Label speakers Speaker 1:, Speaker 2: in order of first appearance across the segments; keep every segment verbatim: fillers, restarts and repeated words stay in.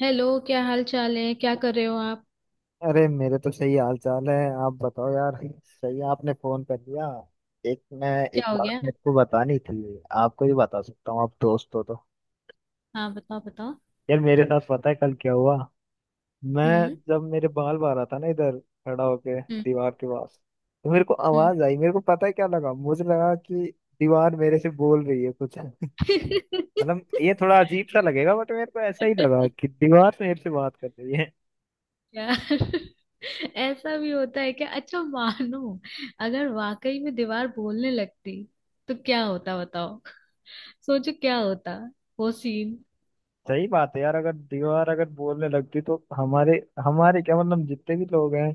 Speaker 1: Hello, क्या हाल चाल है? क्या कर रहे हो आप?
Speaker 2: अरे मेरे तो सही हाल चाल है। आप बताओ यार। सही है आपने फोन कर लिया। एक मैं एक
Speaker 1: क्या हो
Speaker 2: बात
Speaker 1: गया?
Speaker 2: मेरे को बतानी थी आपको ही बता सकता हूँ आप दोस्त हो तो।
Speaker 1: हाँ, बताओ बताओ।
Speaker 2: यार मेरे साथ पता है कल क्या हुआ। मैं
Speaker 1: हम्म।
Speaker 2: जब मेरे बाल बाल रहा था ना इधर खड़ा होके
Speaker 1: हम्म।
Speaker 2: दीवार के पास तो मेरे को
Speaker 1: हम्म।
Speaker 2: आवाज आई। मेरे को पता है क्या लगा। मुझे लगा कि दीवार मेरे से बोल रही है कुछ मतलब ये थोड़ा अजीब सा लगेगा बट मेरे को ऐसा ही लगा कि दीवार मेरे से बात कर रही है।
Speaker 1: यार, ऐसा भी होता है क्या? अच्छा, मानो अगर वाकई में दीवार बोलने लगती तो क्या होता, बताओ। सोचो क्या होता, वो सीन।
Speaker 2: सही बात है यार। अगर दीवार अगर बोलने लगती तो हमारे हमारे क्या मतलब जितने भी लोग हैं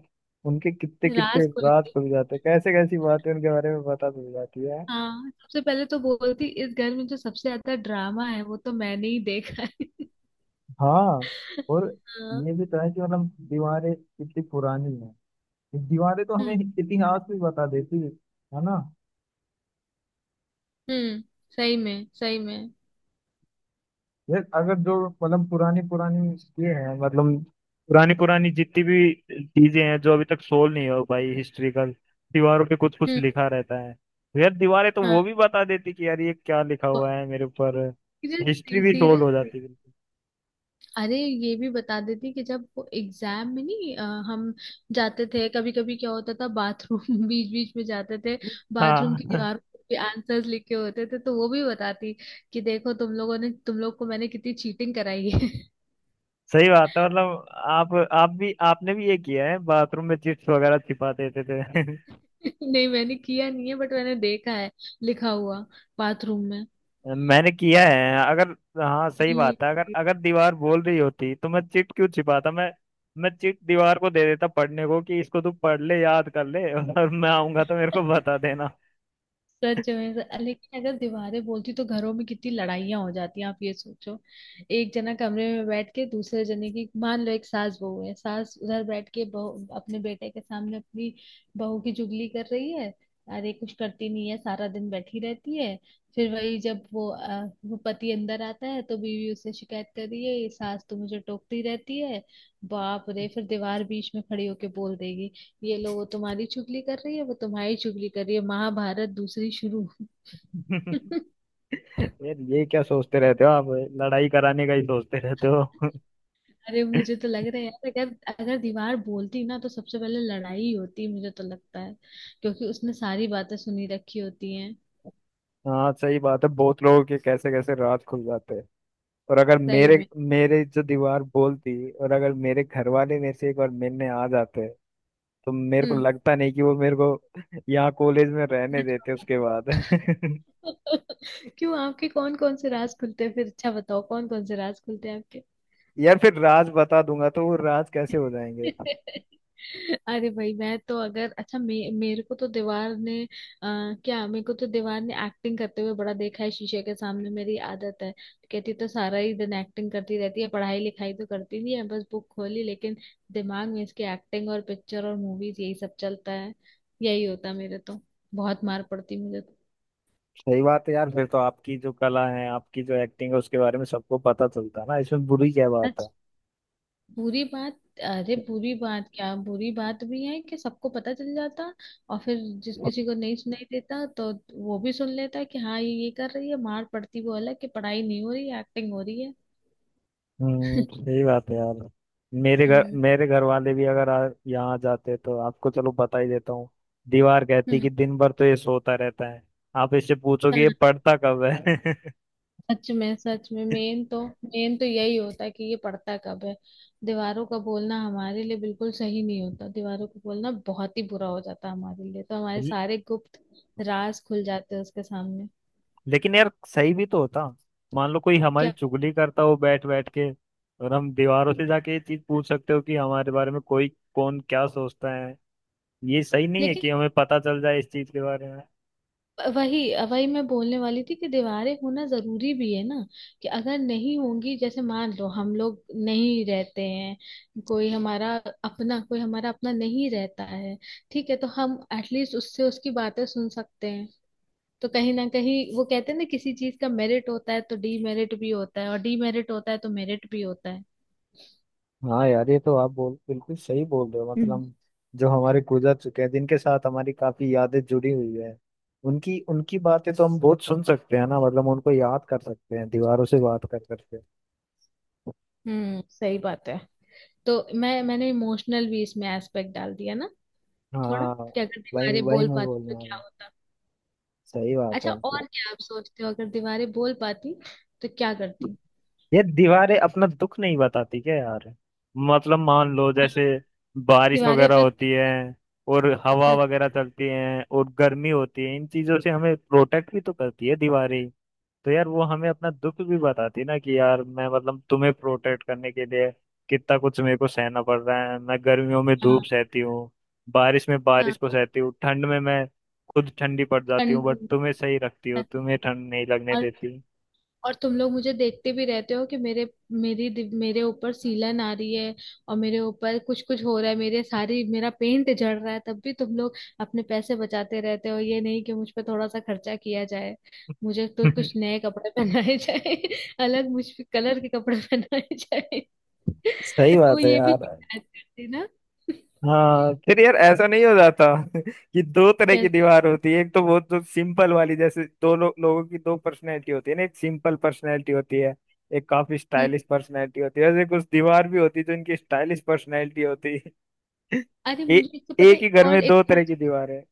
Speaker 2: उनके कितने कितने
Speaker 1: राज
Speaker 2: राज
Speaker 1: खुलती।
Speaker 2: खुल जाते। कैसे कैसी बातें उनके बारे में पता चल जाती है।
Speaker 1: हाँ, सबसे पहले तो बोलती, इस घर में जो सबसे ज्यादा ड्रामा है वो तो मैंने ही देखा है।
Speaker 2: हाँ। और
Speaker 1: हाँ।
Speaker 2: ये भी तो है कि मतलब दीवारें कितनी पुरानी हैं। दीवारें तो
Speaker 1: हम्म।
Speaker 2: हमें इतिहास भी बता देती है। है ना।
Speaker 1: हम्म। सही में, सही में।
Speaker 2: यार अगर जो मतलब पुरानी पुरानी ये है मतलब पुरानी पुरानी जितनी भी चीजें हैं जो अभी तक सोल्व नहीं हो पाई हिस्ट्रिकल दीवारों पे कुछ कुछ
Speaker 1: हम्म।
Speaker 2: लिखा रहता है। तो यार दीवारें तो वो
Speaker 1: हाँ,
Speaker 2: भी बता देती कि यार ये क्या लिखा हुआ है मेरे ऊपर। हिस्ट्री
Speaker 1: सीरियसली,
Speaker 2: भी सोल्व हो
Speaker 1: सीरियसली।
Speaker 2: जाती बिल्कुल।
Speaker 1: अरे, ये भी बता देती कि जब वो एग्जाम में नहीं अ, हम जाते थे कभी कभी, क्या होता था, बाथरूम बीच बीच में जाते थे। बाथरूम
Speaker 2: हाँ
Speaker 1: की दीवार पे आंसर्स लिखे होते थे तो वो भी बताती कि देखो तुम लोगों ने, तुम लोग को मैंने कितनी चीटिंग कराई है।
Speaker 2: सही बात है मतलब आप आप भी आपने भी ये किया है बाथरूम में चिप्स वगैरह छिपा देते थे
Speaker 1: नहीं, मैंने किया नहीं है, बट मैंने देखा है लिखा हुआ बाथरूम में।
Speaker 2: मैंने किया है अगर। हाँ सही
Speaker 1: ये-
Speaker 2: बात है। अगर
Speaker 1: ये।
Speaker 2: अगर दीवार बोल रही होती तो मैं चिट क्यों छिपाता मैं। मैं चिट दीवार को दे देता पढ़ने को कि इसको तू पढ़ ले याद कर ले और मैं आऊंगा तो मेरे को बता देना
Speaker 1: सच में सर। लेकिन अगर दीवारें बोलती तो घरों में कितनी लड़ाइयाँ हो जाती हैं, आप ये सोचो। एक जना कमरे में बैठ के दूसरे जने की, मान लो एक सास बहू है, सास उधर बैठ के बहू अपने बेटे के सामने अपनी बहू की चुगली कर रही है, अरे कुछ करती नहीं है, सारा दिन बैठी रहती है। फिर वही जब वो अ, वो पति अंदर आता है तो बीवी उससे शिकायत कर रही है, ये सास तो मुझे टोकती रहती है। बाप रे, फिर दीवार बीच में खड़ी होके बोल देगी, ये लो, वो तुम्हारी चुगली कर रही है, वो तुम्हारी चुगली कर रही है, महाभारत दूसरी शुरू।
Speaker 2: यार ये क्या सोचते रहते हो आप। लड़ाई कराने का ही सोचते रहते हो
Speaker 1: अरे, मुझे तो लग रहा है यार, अगर अगर दीवार बोलती ना तो सबसे पहले लड़ाई ही होती, मुझे तो लगता है, क्योंकि उसने सारी बातें सुनी रखी होती हैं।
Speaker 2: हाँ सही बात है। बहुत लोगों के कैसे कैसे राज खुल जाते हैं। और अगर
Speaker 1: सही
Speaker 2: मेरे
Speaker 1: में।
Speaker 2: मेरे जो दीवार बोलती और अगर मेरे घर वाले मेरे से एक बार मिलने आ जाते तो मेरे को
Speaker 1: हम्म।
Speaker 2: लगता नहीं कि वो मेरे को यहाँ कॉलेज में रहने
Speaker 1: सच
Speaker 2: देते
Speaker 1: बात
Speaker 2: उसके बाद
Speaker 1: है। क्यों, आपके कौन कौन से राज खुलते हैं फिर? अच्छा बताओ, कौन कौन से राज खुलते हैं आपके?
Speaker 2: यार फिर राज बता दूंगा तो वो राज कैसे हो जाएंगे।
Speaker 1: अरे भाई, मैं तो, अगर अच्छा मे, मेरे को तो दीवार ने आ, क्या, मेरे को तो दीवार ने एक्टिंग करते हुए बड़ा देखा है, शीशे के सामने मेरी आदत है। कहती तो, सारा ही दिन एक्टिंग करती रहती है, पढ़ाई लिखाई तो करती नहीं है, बस बुक खोली, लेकिन दिमाग में इसकी एक्टिंग और पिक्चर और मूवीज यही सब चलता है, यही होता है मेरे तो। बहुत मार पड़ती मुझे।
Speaker 2: सही बात है यार। फिर तो आपकी जो कला है आपकी जो एक्टिंग है उसके बारे में सबको पता चलता है ना इसमें बुरी क्या
Speaker 1: तो
Speaker 2: बात है।
Speaker 1: बुरी बात? अरे बुरी बात क्या, बुरी बात भी है कि सबको पता चल जाता। और फिर जिस किसी को नहीं सुनाई देता तो वो भी सुन लेता कि हाँ, ये ये कर रही है, मार पड़ती वो अलग कि पढ़ाई नहीं हो रही है, एक्टिंग हो रही है।
Speaker 2: हम्म सही बात है यार। मेरे घर
Speaker 1: हम्म।
Speaker 2: मेरे घर वाले भी अगर आ, यहाँ जाते तो आपको चलो बता ही देता हूँ। दीवार कहती
Speaker 1: हम्म।
Speaker 2: कि दिन भर तो ये सोता रहता है। आप इससे पूछो कि ये
Speaker 1: हाँ,
Speaker 2: पढ़ता कब है
Speaker 1: सच में, सच में। मेन तो मेन तो यही होता है कि ये पढ़ता कब है। दीवारों का बोलना हमारे लिए बिल्कुल सही नहीं होता, दीवारों का बोलना बहुत ही बुरा हो जाता है हमारे लिए तो, हमारे सारे गुप्त राज खुल जाते हैं उसके सामने।
Speaker 2: लेकिन यार सही भी तो होता। मान लो कोई हमारी
Speaker 1: क्या?
Speaker 2: चुगली करता हो बैठ बैठ के और हम दीवारों से जाके ये चीज पूछ सकते हो कि हमारे बारे में कोई कौन क्या सोचता है। ये सही नहीं है
Speaker 1: लेकिन
Speaker 2: कि हमें पता चल जाए इस चीज के बारे में।
Speaker 1: वही वही मैं बोलने वाली थी कि दीवारें होना जरूरी भी है ना, कि अगर नहीं होंगी, जैसे मान लो हम लोग नहीं रहते हैं, कोई हमारा अपना कोई हमारा अपना नहीं रहता है, ठीक है, तो हम एटलीस्ट उससे उसकी बातें सुन सकते हैं। तो कहीं ना कहीं वो कहते हैं ना, किसी चीज का मेरिट होता है तो डीमेरिट भी होता है और डीमेरिट होता है तो मेरिट भी होता है।
Speaker 2: हाँ यार ये तो आप बोल बिल्कुल सही बोल रहे हो।
Speaker 1: हम्म।
Speaker 2: मतलब जो हमारे गुजर चुके हैं जिनके साथ हमारी काफी यादें जुड़ी हुई है उनकी उनकी बातें तो हम बहुत सुन सकते हैं ना। मतलब उनको याद कर सकते हैं दीवारों से बात कर करके।
Speaker 1: हम्म, सही बात है। तो मैं मैंने इमोशनल भी इसमें एस्पेक्ट डाल दिया ना, थोड़ा,
Speaker 2: हाँ।
Speaker 1: कि अगर
Speaker 2: वही
Speaker 1: दीवारें
Speaker 2: वही
Speaker 1: बोल
Speaker 2: मैं
Speaker 1: पाती
Speaker 2: बोल
Speaker 1: तो
Speaker 2: रहा
Speaker 1: क्या
Speaker 2: हूँ।
Speaker 1: होता।
Speaker 2: सही बात
Speaker 1: अच्छा
Speaker 2: है।
Speaker 1: और क्या आप सोचते हो अगर दीवारें बोल पाती तो क्या करती?
Speaker 2: ये दीवारें अपना दुख नहीं बताती क्या यार। मतलब मान लो जैसे
Speaker 1: हाँ।
Speaker 2: बारिश
Speaker 1: दीवारें
Speaker 2: वगैरह
Speaker 1: अपना।
Speaker 2: होती है और हवा वगैरह चलती है और गर्मी होती है। इन चीजों से हमें प्रोटेक्ट भी तो करती है दीवारें। तो यार वो हमें अपना दुख भी बताती है ना कि यार मैं मतलब तुम्हें प्रोटेक्ट करने के लिए कितना कुछ मेरे को सहना पड़ रहा है। मैं गर्मियों में
Speaker 1: हाँ,
Speaker 2: धूप सहती हूँ। बारिश में बारिश
Speaker 1: हाँ।
Speaker 2: को सहती हूँ। ठंड में मैं खुद ठंडी पड़ जाती हूँ बट
Speaker 1: कन-
Speaker 2: तुम्हें सही रखती हो तुम्हें ठंड नहीं लगने
Speaker 1: और
Speaker 2: देती
Speaker 1: और तुम लोग मुझे देखते भी रहते हो कि मेरे मेरी दि- मेरे ऊपर सीलन आ रही है और मेरे ऊपर कुछ कुछ हो रहा है, मेरे सारी मेरा पेंट झड़ रहा है, तब भी तुम लोग अपने पैसे बचाते रहते हो, ये नहीं कि मुझ पे थोड़ा सा खर्चा किया जाए, मुझे तो कुछ नए कपड़े पहनाए जाए अलग, मुझ पे कलर के कपड़े पहनाए जाए।
Speaker 2: सही
Speaker 1: वो
Speaker 2: बात है
Speaker 1: ये भी
Speaker 2: यार।
Speaker 1: शिकायत करती ना।
Speaker 2: हाँ फिर यार ऐसा नहीं हो जाता कि दो तरह की
Speaker 1: कैसा?
Speaker 2: दीवार होती है। एक तो बहुत जो सिंपल वाली जैसे दो लो, लोगों की दो पर्सनैलिटी होती है ना। एक सिंपल पर्सनैलिटी होती है। एक काफी
Speaker 1: हम्म।
Speaker 2: स्टाइलिश पर्सनैलिटी होती है। वैसे कुछ दीवार भी होती है जो इनकी स्टाइलिश पर्सनैलिटी होती है
Speaker 1: अरे
Speaker 2: ए,
Speaker 1: मुझे इससे पता
Speaker 2: एक
Speaker 1: है,
Speaker 2: ही घर
Speaker 1: और
Speaker 2: में दो
Speaker 1: एक और।
Speaker 2: तरह की दीवार है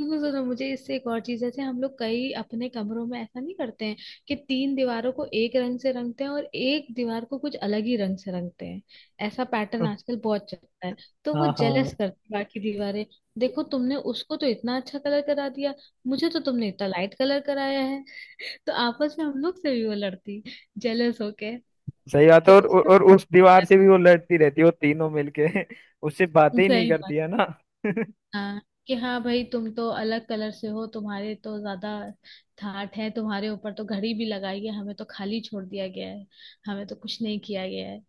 Speaker 1: सुनो सुनो, मुझे इससे एक और चीज, जैसे हम लोग कई अपने कमरों में ऐसा नहीं करते हैं कि तीन दीवारों को एक रंग से रंगते हैं और एक दीवार को कुछ अलग ही रंग से रंगते हैं, ऐसा पैटर्न आजकल बहुत चलता है, तो वो
Speaker 2: हाँ हाँ
Speaker 1: जेलस करती है बाकी दीवारें, देखो तुमने उसको तो इतना अच्छा कलर करा दिया, मुझे तो तुमने इतना लाइट कलर कराया है। तो आपस में हम लोग से भी वो लड़ती, जेलस होके,
Speaker 2: सही बात
Speaker 1: कि
Speaker 2: है। और, और
Speaker 1: उससे।
Speaker 2: और उस दीवार से भी वो लड़ती रहती है वो तीनों मिलके उससे बातें ही नहीं
Speaker 1: सही बात।
Speaker 2: करती है ना
Speaker 1: हाँ। कि हाँ भाई, तुम तो अलग कलर से हो, तुम्हारे तो ज्यादा ठाट है, तुम्हारे ऊपर तो घड़ी भी लगाई है, हमें तो खाली छोड़ दिया गया है, हमें तो कुछ नहीं किया गया है,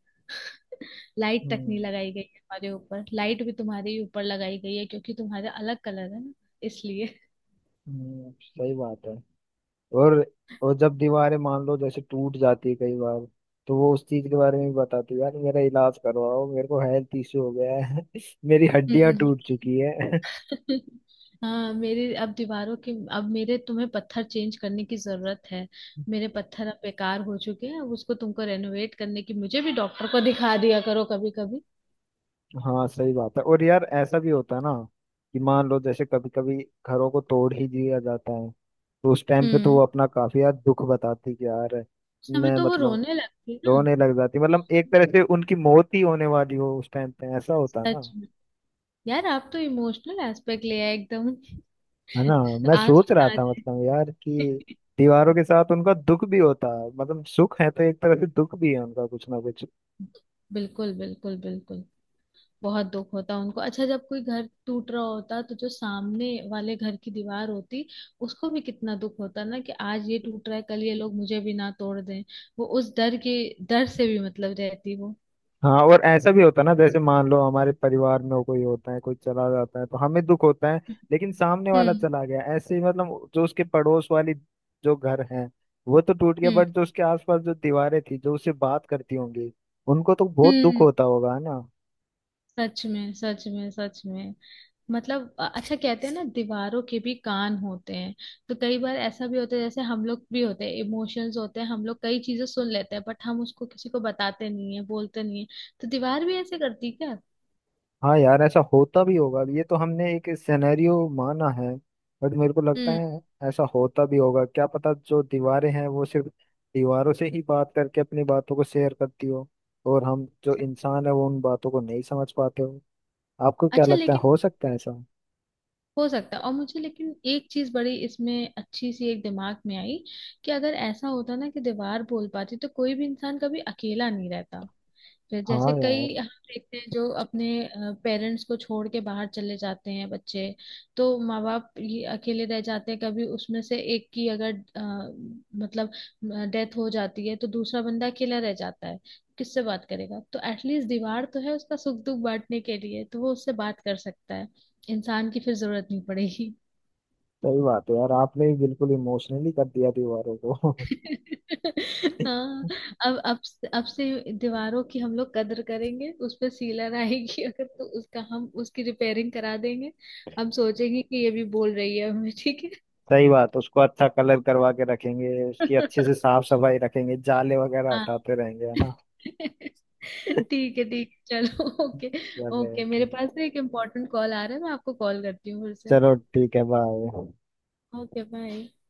Speaker 1: लाइट तक नहीं
Speaker 2: हम्म।
Speaker 1: लगाई गई है हमारे ऊपर, लाइट भी तुम्हारे ही ऊपर लगाई गई है क्योंकि तुम्हारे अलग कलर है ना, इसलिए।
Speaker 2: हम्म, सही बात है। और और जब दीवारें मान लो जैसे टूट जाती है कई बार तो वो उस चीज के बारे में भी बताती है। यार मेरा इलाज करवाओ मेरे को हेल्थ इश्यू हो गया है मेरी हड्डियां
Speaker 1: हम्म।
Speaker 2: टूट चुकी है
Speaker 1: हाँ, मेरे अब दीवारों के, अब मेरे, तुम्हें पत्थर चेंज करने की जरूरत है, मेरे पत्थर अब बेकार हो चुके हैं, अब उसको तुमको रेनोवेट करने की, मुझे भी डॉक्टर को दिखा दिया करो कभी कभी।
Speaker 2: हाँ सही बात है। और यार ऐसा भी होता है ना कि मान लो जैसे कभी कभी घरों को तोड़ ही दिया जाता है। तो उस टाइम पे तो
Speaker 1: हम्म।
Speaker 2: वो अपना काफी यार दुख बताती कि यार
Speaker 1: उस समय
Speaker 2: मैं
Speaker 1: तो वो
Speaker 2: मतलब
Speaker 1: रोने लगती ना।
Speaker 2: रोने लग जाती। मतलब एक तरह से उनकी मौत ही होने वाली हो उस टाइम पे ऐसा होता है।
Speaker 1: सच में, यार आप तो इमोशनल एस्पेक्ट ले आए एकदम।
Speaker 2: है ना। मैं सोच
Speaker 1: आंसू
Speaker 2: रहा
Speaker 1: ना आ
Speaker 2: था
Speaker 1: जाए।
Speaker 2: मतलब यार कि दीवारों के साथ उनका दुख भी होता है। मतलब सुख है तो एक तरह से दुख भी है उनका कुछ ना कुछ।
Speaker 1: बिल्कुल, बिल्कुल, बिल्कुल। बहुत दुख होता उनको। अच्छा, जब कोई घर टूट रहा होता तो जो सामने वाले घर की दीवार होती उसको भी कितना दुख होता ना कि आज ये टूट रहा है, कल ये लोग मुझे भी ना तोड़ दें, वो उस डर के डर से भी मतलब रहती वो।
Speaker 2: हाँ। और ऐसा भी होता है ना जैसे मान लो हमारे परिवार में कोई होता है कोई चला जाता है तो हमें दुख होता है। लेकिन सामने वाला
Speaker 1: हम्म।
Speaker 2: चला गया ऐसे ही मतलब जो उसके पड़ोस वाली जो घर है वो तो टूट गया
Speaker 1: हम्म।
Speaker 2: बट जो उसके आसपास जो दीवारें थी जो उससे बात करती होंगी उनको तो बहुत दुख
Speaker 1: हम्म।
Speaker 2: होता होगा है ना।
Speaker 1: सच में, सच में, सच में। मतलब अ- अच्छा, कहते हैं ना दीवारों के भी कान होते हैं, तो कई बार ऐसा भी होता है, जैसे हम लोग भी होते हैं, इमोशंस होते हैं, हम लोग कई चीजें सुन लेते हैं बट हम उसको किसी को बताते नहीं है, बोलते नहीं है, तो दीवार भी ऐसे करती क्या?
Speaker 2: हाँ यार ऐसा होता भी होगा। ये तो हमने एक सिनेरियो माना है बट मेरे को लगता
Speaker 1: हम्म।
Speaker 2: है ऐसा होता भी होगा। क्या पता जो दीवारें हैं वो सिर्फ दीवारों से ही बात करके अपनी बातों को शेयर करती हो और हम जो इंसान है वो उन बातों को नहीं समझ पाते हो। आपको क्या
Speaker 1: अच्छा
Speaker 2: लगता है
Speaker 1: लेकिन,
Speaker 2: हो सकता है ऐसा।
Speaker 1: हो सकता है, और मुझे लेकिन एक चीज बड़ी इसमें अच्छी सी एक दिमाग में आई कि अगर ऐसा होता ना कि दीवार बोल पाती तो कोई भी इंसान कभी अकेला नहीं रहता, फिर जैसे
Speaker 2: हाँ
Speaker 1: कई
Speaker 2: यार
Speaker 1: हम देखते हैं जो अपने पेरेंट्स को छोड़ के बाहर चले जाते हैं बच्चे, तो माँ बाप ये अकेले रह जाते हैं, कभी उसमें से एक की अगर अ, मतलब डेथ हो जाती है तो दूसरा बंदा अकेला रह जाता है, किससे बात करेगा, तो एटलीस्ट दीवार तो है उसका सुख दुख बांटने के लिए, तो वो उससे बात कर सकता है, इंसान की फिर जरूरत नहीं पड़ेगी।
Speaker 2: सही बात है यार। आपने भी बिल्कुल इमोशनली कर दिया दीवारों को
Speaker 1: हाँ। अब अब अब से दीवारों की हम लोग कदर करेंगे, उस पे सीलन आएगी अगर तो उसका, हम उसकी रिपेयरिंग करा देंगे, हम सोचेंगे कि ये भी बोल रही है हमें। ठीक है।
Speaker 2: सही बात। उसको अच्छा कलर करवा के रखेंगे उसकी अच्छे से साफ सफाई रखेंगे जाले वगैरह
Speaker 1: हाँ,
Speaker 2: हटाते रहेंगे है ना।
Speaker 1: ठीक है, ठीक है, चलो, ओके।
Speaker 2: मतलब है
Speaker 1: ओके, मेरे
Speaker 2: कि
Speaker 1: पास ना एक इम्पोर्टेंट कॉल आ रहा है, मैं आपको कॉल करती हूँ फिर से।
Speaker 2: चलो ठीक है बाय।
Speaker 1: Okay bye.